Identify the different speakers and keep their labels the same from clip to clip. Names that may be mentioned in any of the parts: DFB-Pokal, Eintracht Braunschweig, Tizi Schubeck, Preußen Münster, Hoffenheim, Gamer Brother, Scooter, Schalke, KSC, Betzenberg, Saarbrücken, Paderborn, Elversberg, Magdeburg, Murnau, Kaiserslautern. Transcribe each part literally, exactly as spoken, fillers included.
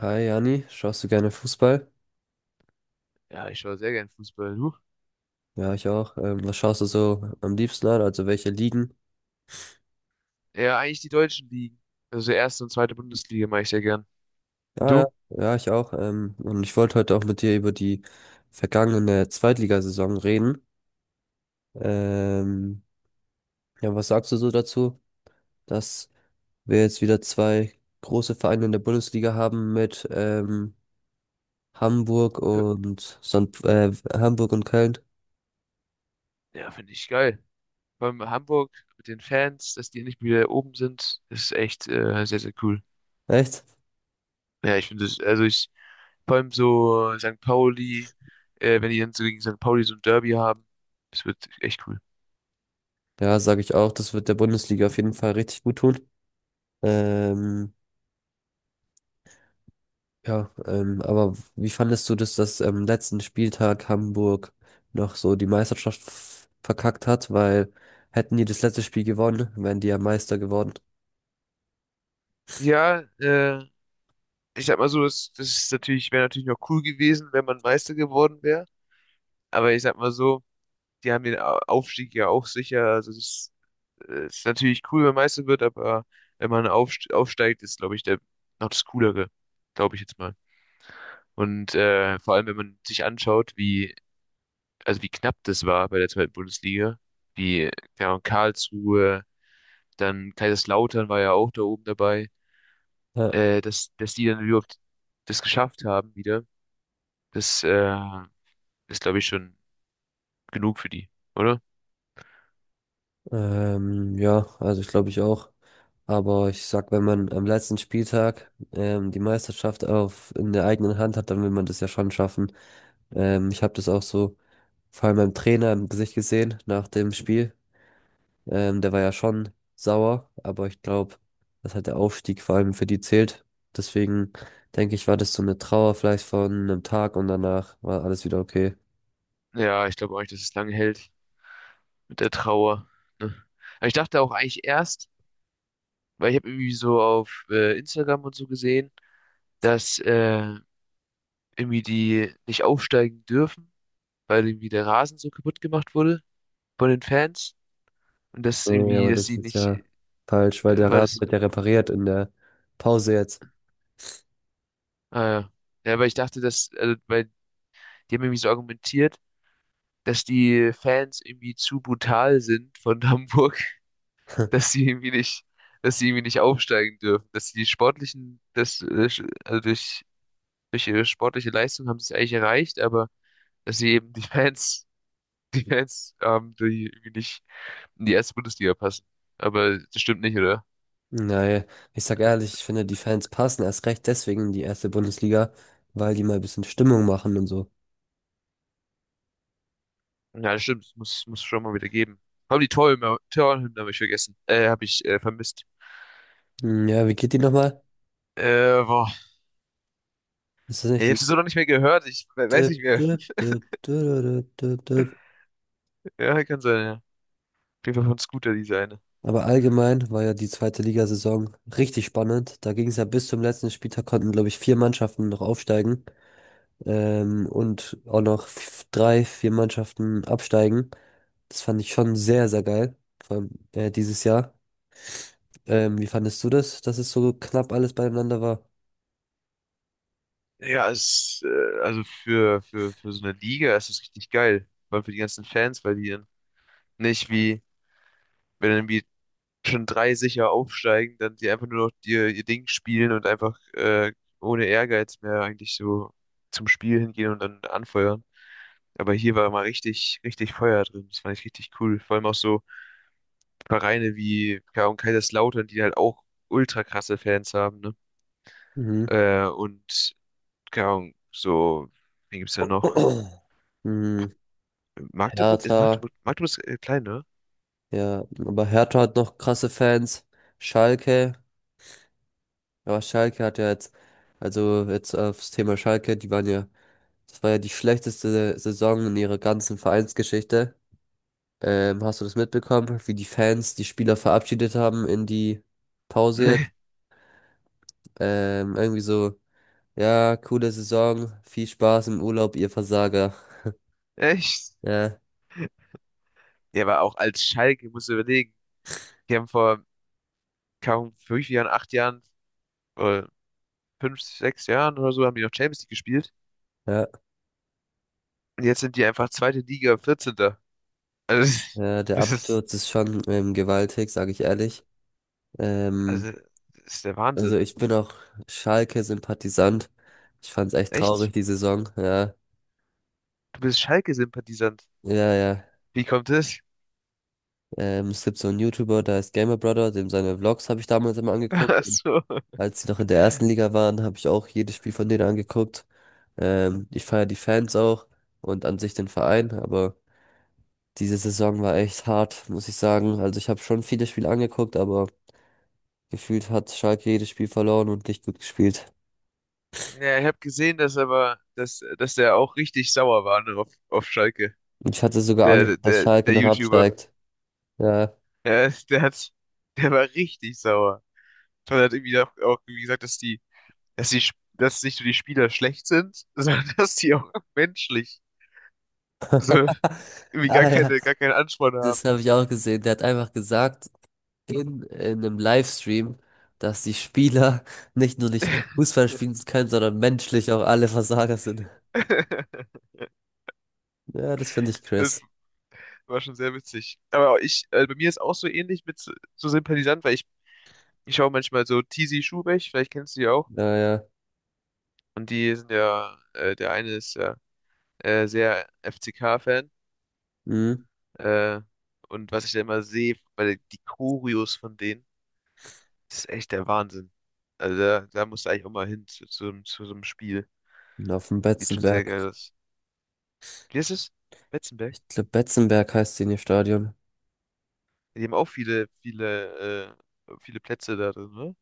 Speaker 1: Hi Jani, schaust du gerne Fußball?
Speaker 2: Ja, ich schaue sehr gern Fußball. Du?
Speaker 1: Ja, ich auch. Ähm, was schaust du so am liebsten an? Also welche Ligen?
Speaker 2: Ja, eigentlich die deutschen Ligen. Also erste und zweite Bundesliga mache ich sehr gern. Und
Speaker 1: Ja,
Speaker 2: du?
Speaker 1: ja, ja, ich auch. Ähm, und ich wollte heute auch mit dir über die vergangene Zweitligasaison reden. Ähm, ja, was sagst du so dazu, dass wir jetzt wieder zwei große Vereine in der Bundesliga haben mit ähm, Hamburg und Sand, äh, Hamburg und Köln?
Speaker 2: Ja, finde ich geil. Vor allem Hamburg mit den Fans, dass die endlich wieder oben sind, ist echt äh, sehr, sehr cool.
Speaker 1: Echt?
Speaker 2: Ja, ich finde es, also ich, vor allem so Sankt Pauli, äh, wenn die dann so gegen Sankt Pauli so ein Derby haben, das wird echt cool.
Speaker 1: Ja, sage ich auch. Das wird der Bundesliga auf jeden Fall richtig gut tun. Ähm, Ja, ähm, aber wie fandest du das, dass am letzten Spieltag Hamburg noch so die Meisterschaft f- verkackt hat? Weil hätten die das letzte Spiel gewonnen, wären die ja Meister geworden.
Speaker 2: Ja, äh, ich sag mal so, das, das ist natürlich, wäre natürlich noch cool gewesen, wenn man Meister geworden wäre. Aber ich sag mal so, die haben den Au- Aufstieg ja auch sicher. Also es ist, äh, ist natürlich cool, wenn Meister wird, aber wenn man aufst aufsteigt, ist, glaube ich, der noch das Coolere, glaube ich jetzt mal. Und äh, vor allem, wenn man sich anschaut, wie, also wie knapp das war bei der zweiten Bundesliga, wie ja, und Karlsruhe, dann Kaiserslautern war ja auch da oben dabei,
Speaker 1: Ja,
Speaker 2: äh, dass, dass die dann überhaupt das geschafft haben wieder, das äh, ist, glaube ich, schon genug für die, oder?
Speaker 1: ähm, ja, also ich glaube ich auch. Aber ich sag, wenn man am letzten Spieltag ähm, die Meisterschaft auf in der eigenen Hand hat, dann will man das ja schon schaffen. Ähm, ich habe das auch so vor allem beim Trainer im Gesicht gesehen nach dem Spiel. Ähm, der war ja schon sauer, aber ich glaube, dass halt der Aufstieg vor allem für die zählt. Deswegen denke ich, war das so eine Trauer vielleicht von einem Tag und danach war alles wieder okay.
Speaker 2: Ja, ich glaube auch nicht, dass es lange hält. mit der Trauer. Ne? Aber ich dachte auch eigentlich erst, weil ich habe irgendwie so auf äh, Instagram und so gesehen, dass äh, irgendwie die nicht aufsteigen dürfen, weil irgendwie der Rasen so kaputt gemacht wurde von den Fans. Und das
Speaker 1: Nee,
Speaker 2: irgendwie,
Speaker 1: aber
Speaker 2: dass
Speaker 1: das
Speaker 2: sie
Speaker 1: ist
Speaker 2: nicht,
Speaker 1: ja
Speaker 2: äh,
Speaker 1: falsch, weil der
Speaker 2: weil
Speaker 1: Rasen
Speaker 2: das,
Speaker 1: wird ja repariert in der Pause jetzt.
Speaker 2: äh, ja, ja, weil ich dachte, dass, also, weil die haben irgendwie so argumentiert, dass die Fans irgendwie zu brutal sind von Hamburg, dass sie irgendwie nicht, dass sie irgendwie nicht aufsteigen dürfen, dass die sportlichen, das, äh, sch- also durch durch ihre sportliche Leistung haben sie es eigentlich erreicht, aber dass sie eben die Fans, die Fans haben, die irgendwie nicht in die erste Bundesliga passen. Aber das stimmt nicht, oder?
Speaker 1: Naja, ich sag ehrlich, ich finde, die Fans passen erst recht deswegen in die erste Bundesliga, weil die mal ein bisschen Stimmung machen und so.
Speaker 2: Ja, das stimmt, das muss, muss schon mal wieder geben. Haben die Torhymne, Torhymne habe ich vergessen, äh, habe ich äh, vermisst.
Speaker 1: Hm, ja, wie geht die nochmal?
Speaker 2: Äh, boah,
Speaker 1: Ist das
Speaker 2: ja,
Speaker 1: nicht
Speaker 2: ich habe
Speaker 1: die?
Speaker 2: sie so noch nicht mehr gehört, ich we- weiß nicht mehr. Ja, kann sein, ja. Auf jeden Fall von Scooter, diese eine.
Speaker 1: Aber allgemein war ja die zweite Ligasaison richtig spannend. Da ging es ja bis zum letzten Spieltag, konnten, glaube ich, vier Mannschaften noch aufsteigen, ähm, und auch noch f- drei, vier Mannschaften absteigen. Das fand ich schon sehr, sehr geil, vor allem äh, dieses Jahr. Ähm, wie fandest du das, dass es so knapp alles beieinander war?
Speaker 2: Ja, es, äh, also für, für, für so eine Liga ist es richtig geil. Vor allem für die ganzen Fans, weil die dann nicht wie, wenn dann wie schon drei sicher aufsteigen, dann die einfach nur noch ihr, ihr Ding spielen und einfach äh, ohne Ehrgeiz mehr eigentlich so zum Spiel hingehen und dann anfeuern. Aber hier war mal richtig, richtig Feuer drin. Das fand ich richtig cool. Vor allem auch so Vereine wie keine Ahnung, Kaiserslautern, die halt auch ultra krasse Fans haben, ne?
Speaker 1: Mhm.
Speaker 2: Äh, und keine Ahnung, so, wen gibt's da noch?
Speaker 1: Mhm.
Speaker 2: Magdeburg? Ist
Speaker 1: Hertha,
Speaker 2: Magdeburg, Magdeburg ist äh, klein, ne?
Speaker 1: ja, aber Hertha hat noch krasse Fans. Schalke. Aber Schalke hat ja jetzt, also jetzt aufs Thema Schalke, die waren ja, das war ja die schlechteste Saison in ihrer ganzen Vereinsgeschichte. Ähm, hast du das mitbekommen, wie die Fans die Spieler verabschiedet haben in die Pause jetzt? Ähm, irgendwie so, ja, coole Saison, viel Spaß im Urlaub, ihr Versager.
Speaker 2: Nee, echt?
Speaker 1: Ja,
Speaker 2: Ja, aber auch als Schalke, musst du überlegen. Die haben vor kaum fünf Jahren, acht Jahren, äh, fünf, sechs Jahren oder so haben die noch Champions League gespielt.
Speaker 1: ja,
Speaker 2: Und jetzt sind die einfach zweite Liga, vierzehnter. Also, das ist,
Speaker 1: ja, der
Speaker 2: das ist-
Speaker 1: Absturz ist schon ähm, gewaltig, sage ich ehrlich. Ähm,
Speaker 2: also, das ist der
Speaker 1: also
Speaker 2: Wahnsinn.
Speaker 1: ich bin auch Schalke-Sympathisant. Ich fand's echt traurig,
Speaker 2: Echt?
Speaker 1: die Saison. Ja,
Speaker 2: Du bist Schalke-Sympathisant.
Speaker 1: ja, ja.
Speaker 2: Wie kommt das?
Speaker 1: Ähm, es gibt so einen YouTuber, der heißt Gamer Brother, dem seine Vlogs habe ich damals immer angeguckt.
Speaker 2: Ach
Speaker 1: Und
Speaker 2: so.
Speaker 1: als sie noch in der ersten Liga waren, habe ich auch jedes Spiel von denen angeguckt. Ähm, ich feiere die Fans auch und an sich den Verein, aber diese Saison war echt hart, muss ich sagen. Also ich habe schon viele Spiele angeguckt, aber gefühlt hat Schalke jedes Spiel verloren und nicht gut gespielt.
Speaker 2: Ja, ich habe gesehen, dass aber, dass, dass der auch richtig sauer war, ne, auf, auf Schalke.
Speaker 1: Und ich hatte sogar
Speaker 2: Der,
Speaker 1: Angst,
Speaker 2: der,
Speaker 1: dass
Speaker 2: der
Speaker 1: Schalke
Speaker 2: der
Speaker 1: noch
Speaker 2: YouTuber.
Speaker 1: absteigt. Ja,
Speaker 2: Der, der hat, der war richtig sauer. Und hat irgendwie auch, auch irgendwie gesagt, dass die dass die, Sp- dass nicht nur die Spieler schlecht sind, sondern dass die auch menschlich so irgendwie gar
Speaker 1: ah ja,
Speaker 2: keine, gar keinen Ansporn
Speaker 1: das
Speaker 2: haben.
Speaker 1: habe ich auch gesehen. Der hat einfach gesagt, in, in einem Livestream, dass die Spieler nicht nur nicht Fußball spielen können, sondern menschlich auch alle Versager sind. Ja, das finde ich
Speaker 2: Das
Speaker 1: Chris.
Speaker 2: war schon sehr witzig. Aber ich, äh, bei mir ist auch so ähnlich mit so so Sympathisant, weil ich, ich schaue manchmal so Tizi Schubeck, vielleicht kennst du die auch.
Speaker 1: Ja, ja.
Speaker 2: Und die sind ja, äh, der eine ist ja äh, sehr F C K-Fan.
Speaker 1: Mhm.
Speaker 2: Äh, und was ich da immer sehe, weil die Choreos von denen, das ist echt der Wahnsinn. Also da, da musst du eigentlich auch mal hin zu, zu, zu so einem Spiel.
Speaker 1: Und auf dem
Speaker 2: Sieht schon sehr geil
Speaker 1: Betzenberg.
Speaker 2: aus. Wie ist es? Betzenberg?
Speaker 1: Ich glaube, Betzenberg heißt die in ihr Stadion.
Speaker 2: Die haben auch viele, viele, äh, viele Plätze da drin, ne?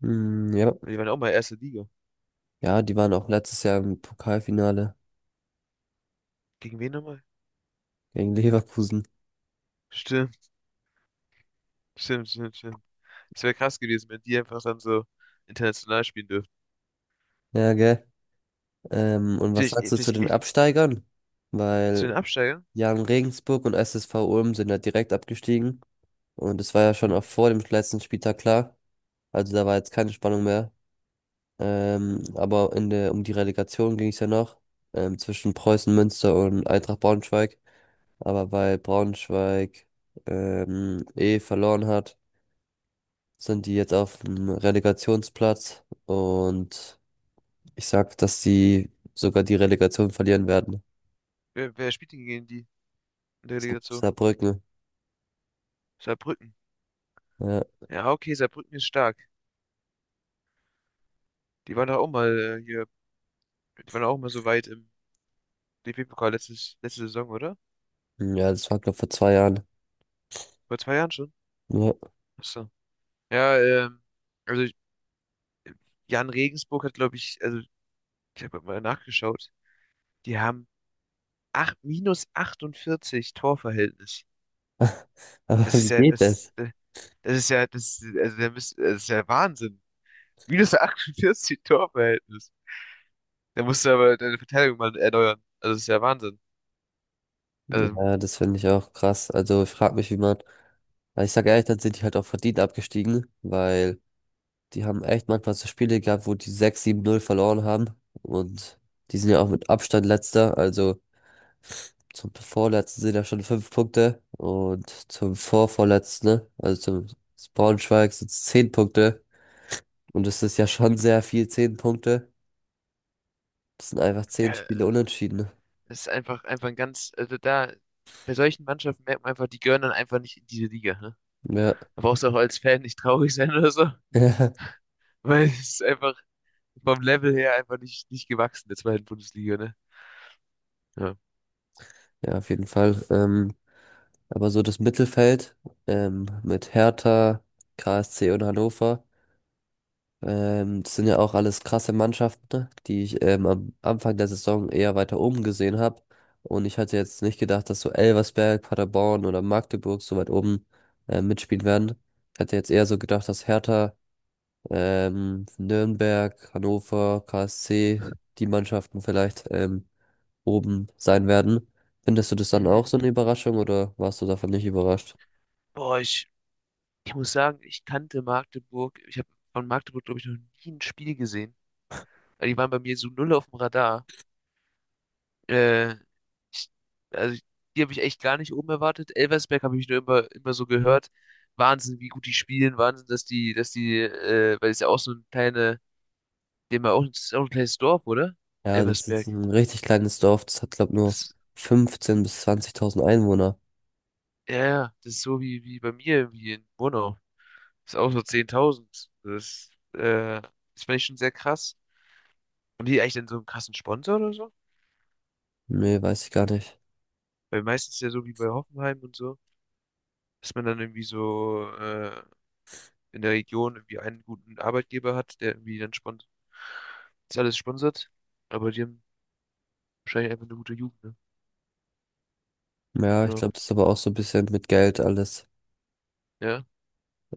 Speaker 1: Mhm, ja.
Speaker 2: Weil Die waren auch mal erste Liga.
Speaker 1: Ja, die waren auch letztes Jahr im Pokalfinale
Speaker 2: Gegen wen nochmal?
Speaker 1: gegen Leverkusen.
Speaker 2: Stimmt, stimmt, stimmt, stimmt. Es wäre krass gewesen, wenn die einfach dann so international spielen dürften.
Speaker 1: Ja, gell. Ähm, und was
Speaker 2: Vielleicht, äh,
Speaker 1: sagst du zu
Speaker 2: vielleicht
Speaker 1: den
Speaker 2: echt
Speaker 1: Absteigern?
Speaker 2: zu
Speaker 1: Weil
Speaker 2: den Absteigern?
Speaker 1: Jan Regensburg und S S V Ulm sind ja direkt abgestiegen. Und es war ja schon auch
Speaker 2: Mhm.
Speaker 1: vor dem letzten Spieltag klar. Also da war jetzt keine Spannung mehr. Ähm, aber in der, um die Relegation ging es ja noch, ähm, zwischen Preußen Münster und Eintracht Braunschweig. Aber weil Braunschweig ähm, eh verloren hat, sind die jetzt auf dem Relegationsplatz. Und ich sag, dass sie sogar die Relegation verlieren werden.
Speaker 2: Wer, wer spielt denn gegen die in der
Speaker 1: Saar-
Speaker 2: Relegation?
Speaker 1: Saarbrücken.
Speaker 2: Saarbrücken.
Speaker 1: Ja,
Speaker 2: Ja, okay, Saarbrücken ist stark. Die waren doch auch mal äh, hier, die waren auch mal so weit im D F B-Pokal letztes, letzte Saison, oder?
Speaker 1: ja, das war, glaube vor zwei Jahren.
Speaker 2: Vor zwei Jahren schon.
Speaker 1: Ja.
Speaker 2: Achso. Ja, ähm, also Jan Regensburg hat, glaube ich, also ich habe mal nachgeschaut, die haben acht minus achtundvierzig Torverhältnis.
Speaker 1: Aber
Speaker 2: Das ist
Speaker 1: wie
Speaker 2: ja,
Speaker 1: geht das?
Speaker 2: das, äh, das ist ja, das, also der müsst, das ist ja Wahnsinn. Minus achtundvierzig Torverhältnis. Da musst du aber deine Verteidigung mal erneuern. Also das ist ja Wahnsinn. Also,
Speaker 1: Ja, das finde ich auch krass. Also ich frage mich, wie man, weil ich sage ehrlich, dann sind die halt auch verdient abgestiegen, weil die haben echt manchmal so Spiele gehabt, wo die sechs sieben null verloren haben und die sind ja auch mit Abstand letzter, also zum vorletzten sind ja schon fünf Punkte und zum vorvorletzten, ne, also zum Braunschweig sind es zehn Punkte und das ist ja schon sehr viel, zehn Punkte. Das sind einfach zehn
Speaker 2: ja,
Speaker 1: Spiele unentschieden.
Speaker 2: das ist einfach, einfach ein ganz, also da, bei solchen Mannschaften merkt man einfach, die gehören dann einfach nicht in diese Liga. Ne?
Speaker 1: Ne?
Speaker 2: Da brauchst du auch als Fan nicht traurig sein oder so,
Speaker 1: Ja,
Speaker 2: weil es ist einfach vom Level her einfach nicht, nicht gewachsen, der zweiten Bundesliga, ne? Ja.
Speaker 1: ja, auf jeden Fall. Ähm, Aber so das Mittelfeld, ähm, mit Hertha, K S C und Hannover, ähm, das sind ja auch alles krasse Mannschaften, ne, die ich ähm, am Anfang der Saison eher weiter oben gesehen habe. Und ich hatte jetzt nicht gedacht, dass so Elversberg, Paderborn oder Magdeburg so weit oben äh, mitspielen werden. Ich hatte jetzt eher so gedacht, dass Hertha, ähm, Nürnberg, Hannover, K S C, die Mannschaften vielleicht ähm, oben sein werden. Findest du das dann auch
Speaker 2: Mhm.
Speaker 1: so eine Überraschung oder warst du davon nicht überrascht?
Speaker 2: Boah, ich, ich muss sagen, ich kannte Magdeburg. Ich habe von Magdeburg, glaube ich, noch nie ein Spiel gesehen. Weil Die waren bei mir so null auf dem Radar. Äh, ich, also, die habe ich echt gar nicht oben erwartet. Elversberg habe ich nur immer, immer so gehört. Wahnsinn, wie gut die spielen. Wahnsinn, dass die, dass die, äh, weil es ja auch so ein kleine, dem ja auch, das ist ja auch ein kleines Dorf, oder?
Speaker 1: Ja, das ist
Speaker 2: Elversberg.
Speaker 1: ein richtig kleines Dorf. Das hat, glaube nur
Speaker 2: Das,
Speaker 1: fünfzehntausend bis zwanzigtausend Einwohner.
Speaker 2: ja, ja, das ist so wie, wie bei mir, wie in Murnau. Das ist auch so zehntausend. Das, äh, das fand ich schon sehr krass. Haben die eigentlich dann so einen krassen Sponsor oder so?
Speaker 1: Nee, weiß ich gar nicht.
Speaker 2: Weil meistens ja so wie bei Hoffenheim und so, dass man dann irgendwie so äh, in der Region irgendwie einen guten Arbeitgeber hat, der irgendwie dann sponsert, das alles sponsert. Aber die haben wahrscheinlich einfach eine gute Jugend, ne?
Speaker 1: Ja, ich
Speaker 2: Ja,
Speaker 1: glaube, das ist aber auch so ein bisschen mit Geld alles.
Speaker 2: ja.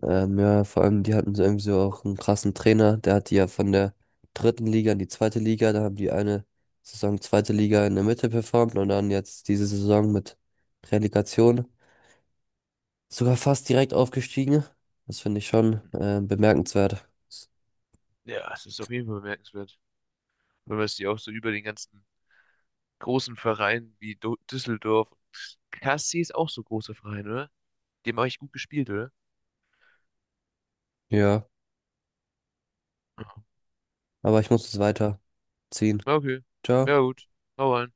Speaker 1: Ähm, ja, vor allem, die hatten so irgendwie so auch einen krassen Trainer. Der hat die ja von der dritten Liga in die zweite Liga. Da haben die eine Saison zweite Liga in der Mitte performt und dann jetzt diese Saison mit Relegation sogar fast direkt aufgestiegen. Das finde ich schon äh, bemerkenswert.
Speaker 2: Ja, es ist auf jeden Fall bemerkenswert. Wenn man es die auch so über den ganzen großen Vereinen wie Do Düsseldorf. K S C ist auch so ein großer Verein, oder? Die haben eigentlich gut gespielt, oder?
Speaker 1: Ja,
Speaker 2: Ja,
Speaker 1: aber ich muss jetzt weiterziehen.
Speaker 2: ja, okay.
Speaker 1: Ciao.
Speaker 2: Ja, gut. Hau rein.